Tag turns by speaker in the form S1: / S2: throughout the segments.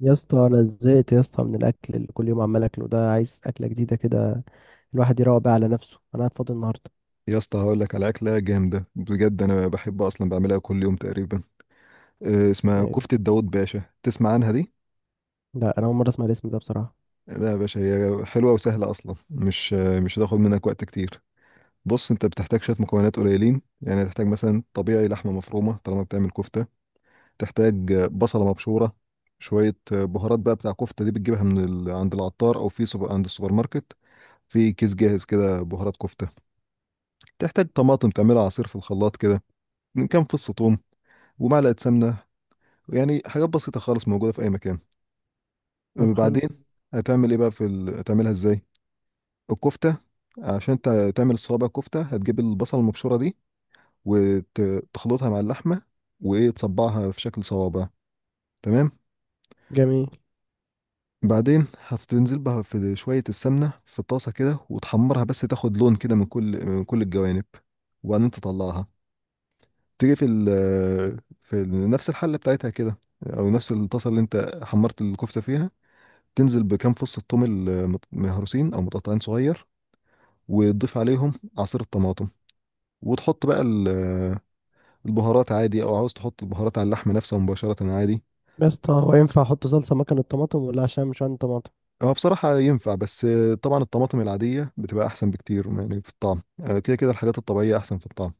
S1: يا اسطى، انا زهقت يا اسطى من الاكل اللي كل يوم عمال اكله ده. عايز اكله جديده كده الواحد يروق بيها على نفسه. انا قاعد فاضي النهارده.
S2: يا اسطى، هقول لك على اكله جامده بجد. انا بحب اصلا بعملها كل يوم تقريبا. اسمها
S1: إيه؟
S2: كفته داوود باشا، تسمع عنها دي؟
S1: لا، انا اول مره اسمع الاسم ده بصراحه.
S2: لا يا باشا، هي حلوه وسهله اصلا. مش هتاخد منك وقت كتير. بص، انت بتحتاج شويه مكونات قليلين. يعني هتحتاج مثلا طبيعي لحمه مفرومه طالما بتعمل كفته. تحتاج بصله مبشوره. شويه بهارات بقى بتاع كفته دي، بتجيبها عند العطار او عند السوبر ماركت. في كيس جاهز كده بهارات كفته. تحتاج طماطم تعملها عصير في الخلاط كده، من كام فص ثوم ومعلقه سمنه. يعني حاجات بسيطة خالص، موجودة في أي مكان.
S1: طب، حلو.
S2: بعدين هتعمل إيه بقى؟ هتعملها إزاي الكفتة؟ عشان تعمل الصوابع كفتة، هتجيب البصل المبشورة دي وتخلطها مع اللحمة، وإيه تصبعها في شكل صوابع. تمام.
S1: جميل.
S2: بعدين هتنزل بها في شوية السمنة في الطاسة كده، وتحمرها بس تاخد لون كده من كل الجوانب، وبعدين تطلعها. تيجي نفس الحلة بتاعتها كده، أو نفس الطاسة اللي أنت حمرت الكفتة فيها. تنزل بكام فص الثوم مهروسين او متقطعين صغير، وتضيف عليهم عصير الطماطم. وتحط بقى البهارات عادي، او عاوز تحط البهارات على اللحم نفسه مباشرة عادي.
S1: يا اسطى، هو ينفع احط صلصه مكان الطماطم ولا؟ عشان مش عندي طماطم.
S2: هو بصراحة ينفع، بس طبعا الطماطم العادية بتبقى أحسن بكتير يعني في الطعم. كده كده الحاجات الطبيعية أحسن في الطعم.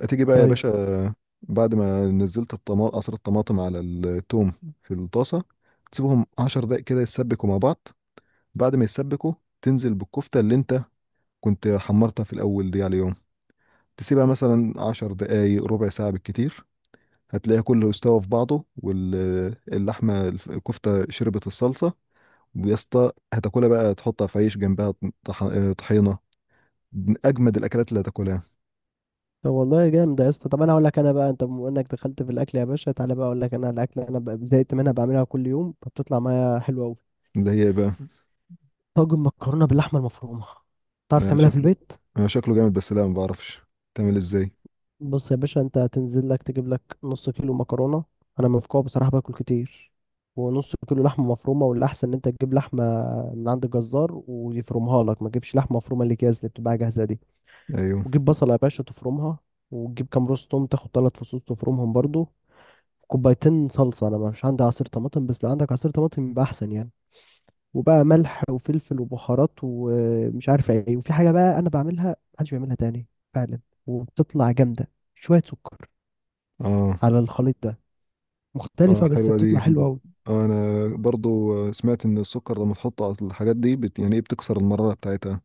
S2: هتيجي بقى يا
S1: طيب.
S2: باشا. آه، بعد ما نزلت الطماطم عصير الطماطم على التوم في الطاسة، تسيبهم 10 دقايق كده يتسبكوا مع بعض. بعد ما يتسبكوا، تنزل بالكفتة اللي انت كنت حمرتها في الأول دي عليهم. تسيبها مثلا 10 دقايق، ربع ساعة بالكتير. هتلاقيها كله استوى في بعضه، واللحمة الف- الكفتة شربت الصلصة. ويا اسطى هتاكلها بقى، تحطها في عيش جنبها. طح- طحينة. من أجمد الأكلات اللي هتاكلها.
S1: طب والله جامد يا اسطى. طب انا اقول لك انا بقى، انت بما انك دخلت في الاكل يا باشا تعالى بقى اقول لك انا على الاكل. انا بقى زهقت منها، بعملها كل يوم فبتطلع معايا حلوه قوي.
S2: اللي هي بقى.
S1: طاجن مكرونه باللحمه المفرومه. تعرف
S2: آه،
S1: تعملها في
S2: شكله.
S1: البيت؟
S2: آه، شكله جامد، بس لا ما بعرفش تعمل ازاي.
S1: بص يا باشا، انت هتنزل لك تجيب لك نص كيلو مكرونه. انا من فوق بصراحه باكل كتير. ونص كيلو لحمه مفرومه، والاحسن ان انت تجيب لحمه من عند الجزار ويفرمها لك. ما تجيبش لحمه مفرومه اللي جاهز، اللي بتبقى جاهزه دي.
S2: ايوه.
S1: وجيب بصله يا باشا تفرمها. وتجيب كام روز توم، تاخد ثلاث فصوص تفرمهم برضو. كوبايتين صلصه. انا مش عندي عصير طماطم بس لو عندك عصير طماطم يبقى احسن يعني. وبقى ملح وفلفل وبهارات ومش عارف ايه. وفي حاجه بقى انا بعملها محدش بيعملها تاني فعلا، وبتطلع جامده. شويه سكر
S2: اه.
S1: على الخليط ده،
S2: اه،
S1: مختلفة بس
S2: حلوة
S1: بتطلع
S2: دي
S1: حلوة أوي.
S2: انا برضو سمعت ان السكر لما تحطه على الحاجات دي يعني ايه بتكسر المرارة بتاعتها.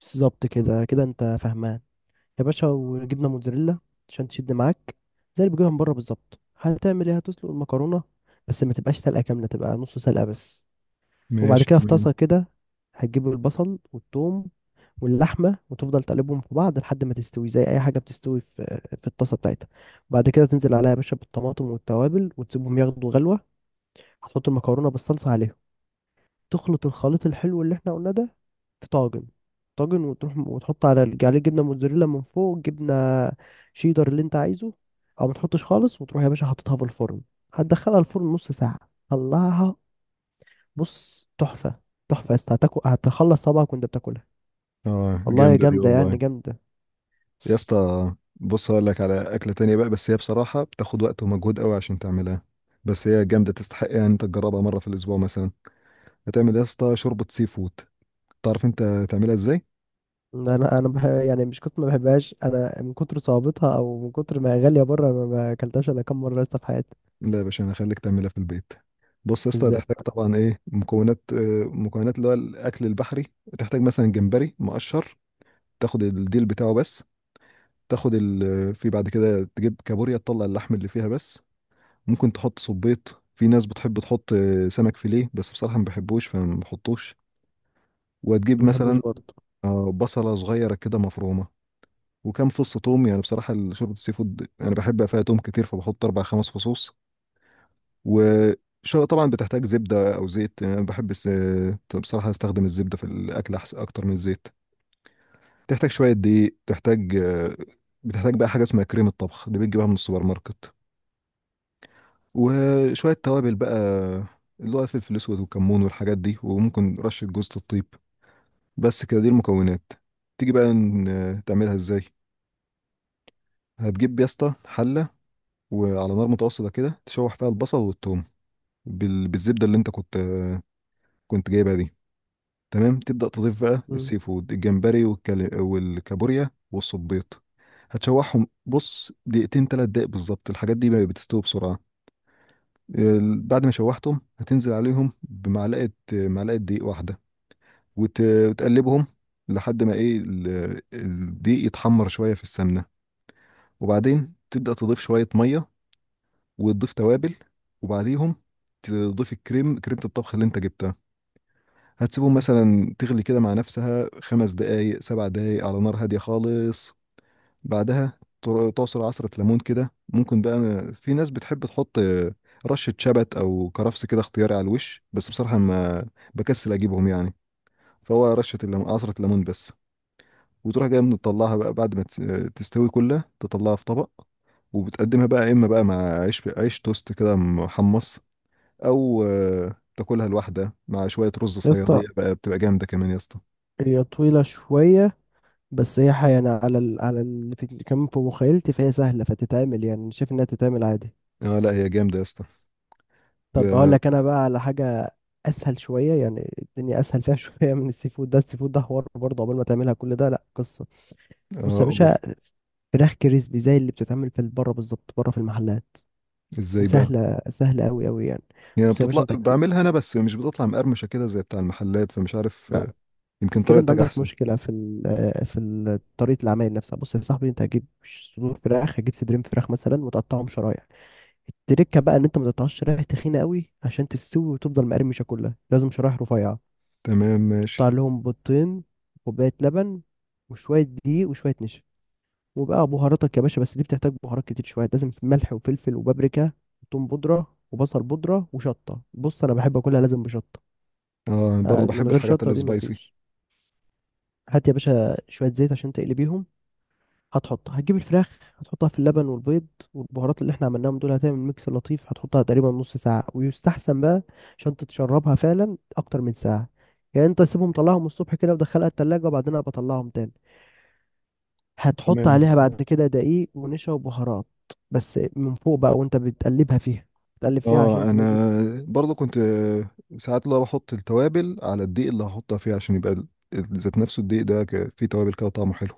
S1: بالظبط، كده كده أنت فاهمان. يا باشا، وجبنة موتزاريلا عشان تشد معاك، زي اللي بتجيبها من بره بالظبط. هتعمل إيه؟ هتسلق المكرونة بس ما تبقاش سلقة كاملة، تبقى نص سلقة بس. وبعد
S2: ماشي
S1: كده في
S2: تمام.
S1: طاسة كده هتجيب البصل والثوم واللحمة وتفضل تقلبهم في بعض لحد ما تستوي زي أي حاجة بتستوي في الطاسة بتاعتها. وبعد كده تنزل عليها يا باشا بالطماطم والتوابل وتسيبهم ياخدوا غلوة. هتحط المكرونة بالصلصة عليهم، تخلط الخليط الحلو اللي احنا قلنا ده في طاجن وتروح وتحط على عليه جبنه موتزاريلا من فوق، جبنه شيدر اللي انت عايزه او ما تحطش خالص. وتروح يا باشا حاططها في الفرن، هتدخلها الفرن نص ساعه. طلعها. بص، تحفه. تحفه يا اسطى، هتاكل هتخلص صبعك وانت بتاكلها.
S2: اه،
S1: والله يا
S2: جامدة دي
S1: جامده، يعني
S2: والله.
S1: جامده.
S2: يا اسطى بص، هقول لك على اكله تانية بقى. بس هي بصراحه بتاخد وقت ومجهود قوي عشان تعملها. بس هي جامده، تستحق يعني انت تجربها مره في الاسبوع مثلا. هتعمل يا اسطى شوربه سي فود. تعرف انت تعملها ازاي؟
S1: انا يعني مش قصة ما بحبهاش. انا من كتر صعوبتها او من كتر ما هي غاليه بره ما اكلتهاش الا كام مره يا اسطى في حياتي.
S2: لا يا باشا، انا هخليك تعملها في البيت. بص يا اسطى،
S1: ازاي؟
S2: هتحتاج طبعا ايه مكونات اللي هو الاكل البحري. تحتاج مثلا جمبري مقشر، تاخد الديل بتاعه بس. في بعد كده تجيب كابوريا، تطلع اللحم اللي فيها بس. ممكن تحط صبيط، في ناس بتحب تحط سمك فيليه، بس بصراحة ما بحبوش فما بحطوش. وهتجيب
S1: ما بحبوش
S2: مثلا
S1: برضه.
S2: بصلة صغيرة كده مفرومة، وكام فص توم. يعني بصراحة شوربة السي فود أنا بحب فيها توم كتير، فبحط أربع خمس فصوص. و طبعا بتحتاج زبدة أو زيت. يعني أنا بحب بصراحة أستخدم الزبدة في الأكل أحسن أكتر من الزيت. تحتاج شوية دقيق. تحتاج آه، بتحتاج بقى حاجة اسمها كريمة طبخ، دي بتجيبها من السوبر ماركت. وشوية توابل بقى، اللي هو فلفل اسود وكمون والحاجات دي، وممكن رشة جوز الطيب. بس كده دي المكونات. تيجي بقى تعملها ازاي. هتجيب يا اسطى حلة، وعلى نار متوسطة كده تشوح فيها البصل والثوم بالزبدة اللي انت كنت جايبها دي. تمام، تبدأ تضيف بقى
S1: مم.
S2: السي فود، الجمبري والكابوريا والصبيط. هتشوحهم، بص دقيقتين 3 دقايق بالظبط، الحاجات دي ما بتستوي بسرعة. بعد ما شوحتهم، هتنزل عليهم بمعلقة دقيق واحدة، وتقلبهم لحد ما ايه الدقيق يتحمر شوية في السمنة. وبعدين تبدأ تضيف شوية مية، وتضيف توابل، وبعديهم تضيف كريمة الطبخ اللي انت جبتها. هتسيبهم مثلا تغلي كده مع نفسها، 5 دقايق 7 دقايق على نار هادية خالص. بعدها تعصر عصرة ليمون كده، ممكن بقى. في ناس بتحب تحط رشة شبت أو كرفس كده، اختياري على الوش، بس بصراحة ما بكسل أجيبهم يعني. فهو رشة الليمون عصرة ليمون بس. وتروح جاي مطلعها بقى، بعد ما تستوي كلها تطلعها في طبق. وبتقدمها بقى، إما بقى مع عيش، عيش توست كده محمص، أو تاكلها لوحدها مع شوية رز
S1: يا اسطى،
S2: صيادية، بقى بتبقى جامدة كمان يا اسطى.
S1: هي طويلة شوية بس هي يعني على اللي كمان في مخيلتي، فهي سهلة فتتعمل، يعني أنا شايف إنها تتعمل عادي.
S2: اه، لا هي جامدة يا اسطى.
S1: طب أقول
S2: ب-
S1: لك أنا بقى على حاجة أسهل شوية، يعني الدنيا أسهل فيها شوية من السي فود ده. السي فود ده حوار برضه، عقبال ما تعملها كل ده لأ قصة. بص
S2: اه
S1: يا
S2: قول.
S1: باشا، فراخ كريسبي زي اللي بتتعمل في بره بالظبط، بره في المحلات.
S2: ازاي بقى؟
S1: وسهلة، سهلة أوي أوي يعني.
S2: هي
S1: بص يا باشا
S2: بتطلع
S1: أنت أكيد
S2: بعملها انا، بس مش بتطلع مقرمشه كده زي بتاع المحلات، فمش عارف يمكن
S1: كده انت
S2: طريقتك
S1: عندك
S2: احسن.
S1: مشكله في ال- آه، في ال- طريقه العمايل نفسها. بص يا صاحبي، انت هتجيب صدور فراخ، هتجيب صدرين فراخ مثلا وتقطعهم شرايح. التركه بقى ان انت ما تقطعش شرايح تخينه قوي، عشان تستوي وتفضل مقرمشه كلها لازم شرايح رفيعه.
S2: تمام، ماشي.
S1: تقطع لهم بيضتين، كوبايه لبن، وشويه دقيق وشويه نشا. وبقى بهاراتك يا باشا، بس دي بتحتاج بهارات كتير شويه، لازم ملح وفلفل وبابريكا وثوم بودره وبصل بودره وشطه. بص، انا بحب اكلها لازم بشطه.
S2: اه، برضه
S1: آه، من
S2: بحب
S1: غير
S2: الحاجات
S1: شطه دي
S2: السبايسي.
S1: مفيش. هات يا باشا شويه زيت عشان تقلي بيهم. هتجيب الفراخ، هتحطها في اللبن والبيض والبهارات اللي احنا عملناهم دول، هتعمل ميكس لطيف. هتحطها تقريبا نص ساعة ويستحسن بقى، عشان تتشربها فعلا أكتر من ساعة. يعني انت سيبهم، طلعهم الصبح كده ودخلها التلاجة وبعدين أنا بطلعهم تاني. هتحط
S2: تمام.
S1: عليها بعد كده دقيق ونشا وبهارات بس من فوق بقى، وانت بتقلبها فيها. بتقلب فيها
S2: اه،
S1: عشان تنزل.
S2: انا برضه كنت ساعات لو بحط التوابل على الدقيق اللي هحطها فيه، عشان يبقى ذات نفسه الدقيق ده فيه توابل كده طعمه حلو.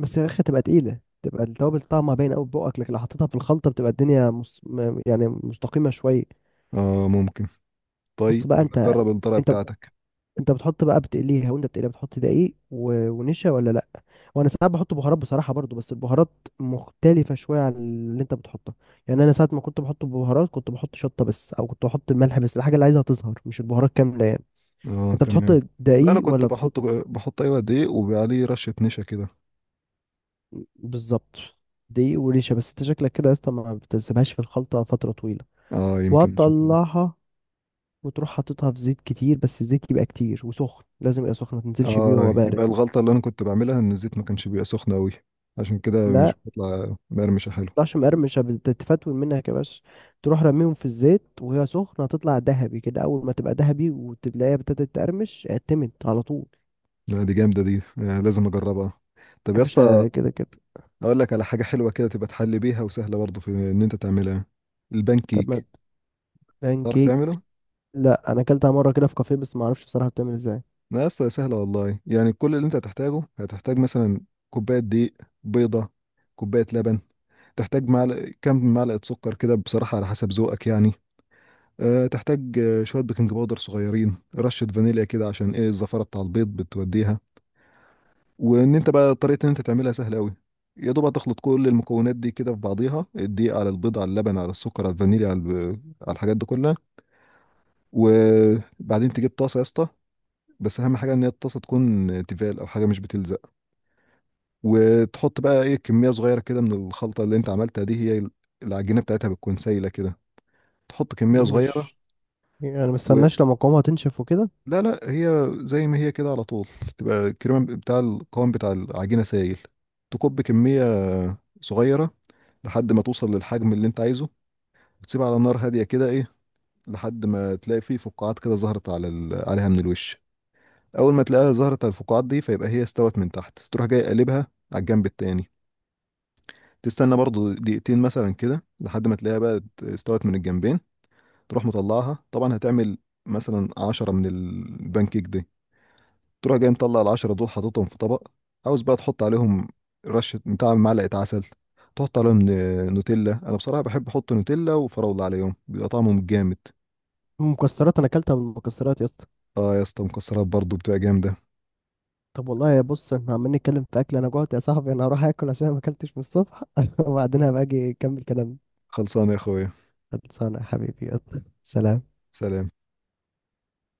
S1: بس يا اخي تبقى تقيلة، تبقى التوابل طعمها باين قوي في بقك، لكن لو حطيتها في الخلطة بتبقى الدنيا يعني مستقيمة شوية.
S2: اه، ممكن.
S1: بص
S2: طيب،
S1: بقى،
S2: جرب الطريقه
S1: انت
S2: بتاعتك.
S1: انت بتحط بقى بتقليها، وانت بتقليها بتحط دقيق ونشا ولا لا؟ وانا ساعات بحط بهارات بصراحه برضو، بس البهارات مختلفه شويه عن اللي انت بتحطها. يعني انا ساعات ما كنت بحط بهارات، كنت بحط شطه بس او كنت بحط ملح بس، الحاجه اللي عايزها تظهر مش البهارات كامله يعني.
S2: اه،
S1: انت بتحط
S2: تمام. لا، انا
S1: دقيق
S2: كنت
S1: ولا بتحط؟
S2: بحط ايوه، دقيق وعليه رشه نشا كده.
S1: بالظبط، دقيق ونشا. بس انت شكلك كده يا اسطى ما بتسيبهاش في الخلطه فتره طويله.
S2: اه، يمكن عشان كده.
S1: وهتطلعها وتروح حاططها في زيت كتير، بس الزيت يبقى كتير وسخن، لازم يبقى سخن ما تنزلش بيه وهو
S2: اه،
S1: بارد.
S2: يبقى الغلطة اللي انا كنت بعملها ان الزيت ما كانش بيبقى سخن قوي، عشان كده
S1: لا،
S2: مش بتطلع مقرمشة حلو.
S1: تطلعش مقرمشة بتتفتول منك يا باشا. تروح رميهم في الزيت وهي سخنة هتطلع ذهبي كده، أول ما تبقى ذهبي وتلاقيها ابتدت تقرمش اعتمد على طول.
S2: لا، دي جامدة دي لازم اجربها. طب
S1: يا
S2: يا اسطى،
S1: باشا، كده كده.
S2: اقول لك على حاجة حلوة كده تبقى تحل بيها، وسهلة برضه في ان انت تعملها. البان
S1: طب ما،
S2: كيك،
S1: بان
S2: تعرف
S1: كيك.
S2: تعمله؟
S1: لا، أنا أكلتها مرة كده في كافيه بس ما أعرفش بصراحة بتعمل إزاي.
S2: لا يا اسطى، سهلة والله. يعني كل اللي انت هتحتاجه، هتحتاج مثلا كوباية دقيق، بيضة، كوباية لبن. تحتاج كام معلقة سكر كده، بصراحة على حسب ذوقك يعني. أه، تحتاج شوية بيكنج باودر صغيرين، رشة فانيليا كده عشان ايه الزفارة بتاع البيض بتوديها. وان انت بقى طريقة ان انت تعملها سهلة قوي. يا دوب هتخلط كل المكونات دي كده في بعضيها، الدقيق على البيض على اللبن على السكر على الفانيليا على الحاجات دي كلها. وبعدين تجيب طاسة يا اسطى، بس اهم حاجة ان هي الطاسة تكون تيفال او حاجة مش بتلزق. وتحط بقى ايه كمية صغيرة كده من الخلطة اللي انت عملتها دي. هي العجينة بتاعتها بتكون سايلة كده. تحط كمية صغيرة.
S1: مش يعني أنا مستناش لما قوامها تنشف وكده؟
S2: لا، لا، هي زي ما هي كده على طول، تبقى الكريمة بتاع القوام بتاع العجينة سايل. تكب كمية صغيرة لحد ما توصل للحجم اللي انت عايزه، وتسيبها على نار هادية كده ايه، لحد ما تلاقي فيه فقاعات كده ظهرت عليها من الوش. اول ما تلاقيها ظهرت على الفقاعات دي، فيبقى هي استوت من تحت. تروح جاي قلبها على الجنب التاني، تستنى برضو دقيقتين مثلا كده، لحد ما تلاقيها بقى استوت من الجنبين. تروح مطلعها طبعا. هتعمل مثلا 10 من البانكيك، تروح جاي مطلع العشرة دول حاططهم في طبق. عاوز بقى تحط عليهم رشة بتاع معلقة عسل، تحط عليهم نوتيلا. أنا بصراحة بحب أحط نوتيلا وفراولة عليهم، بيبقى طعمهم جامد.
S1: المكسرات، أنا أكلتها بالمكسرات يا اسطى.
S2: آه يا اسطى، مكسرات برضه بتبقى جامدة.
S1: طب والله يا، بص احنا عمالين نتكلم في أكل، أنا جوعت يا صاحبي، أنا هروح آكل عشان أنا ما أكلتش من الصبح وبعدين هبقى أجي أكمل كلامي.
S2: خلصانة يا أخويا.
S1: خلصانة يا حبيبي، يلا. سلام.
S2: سلام.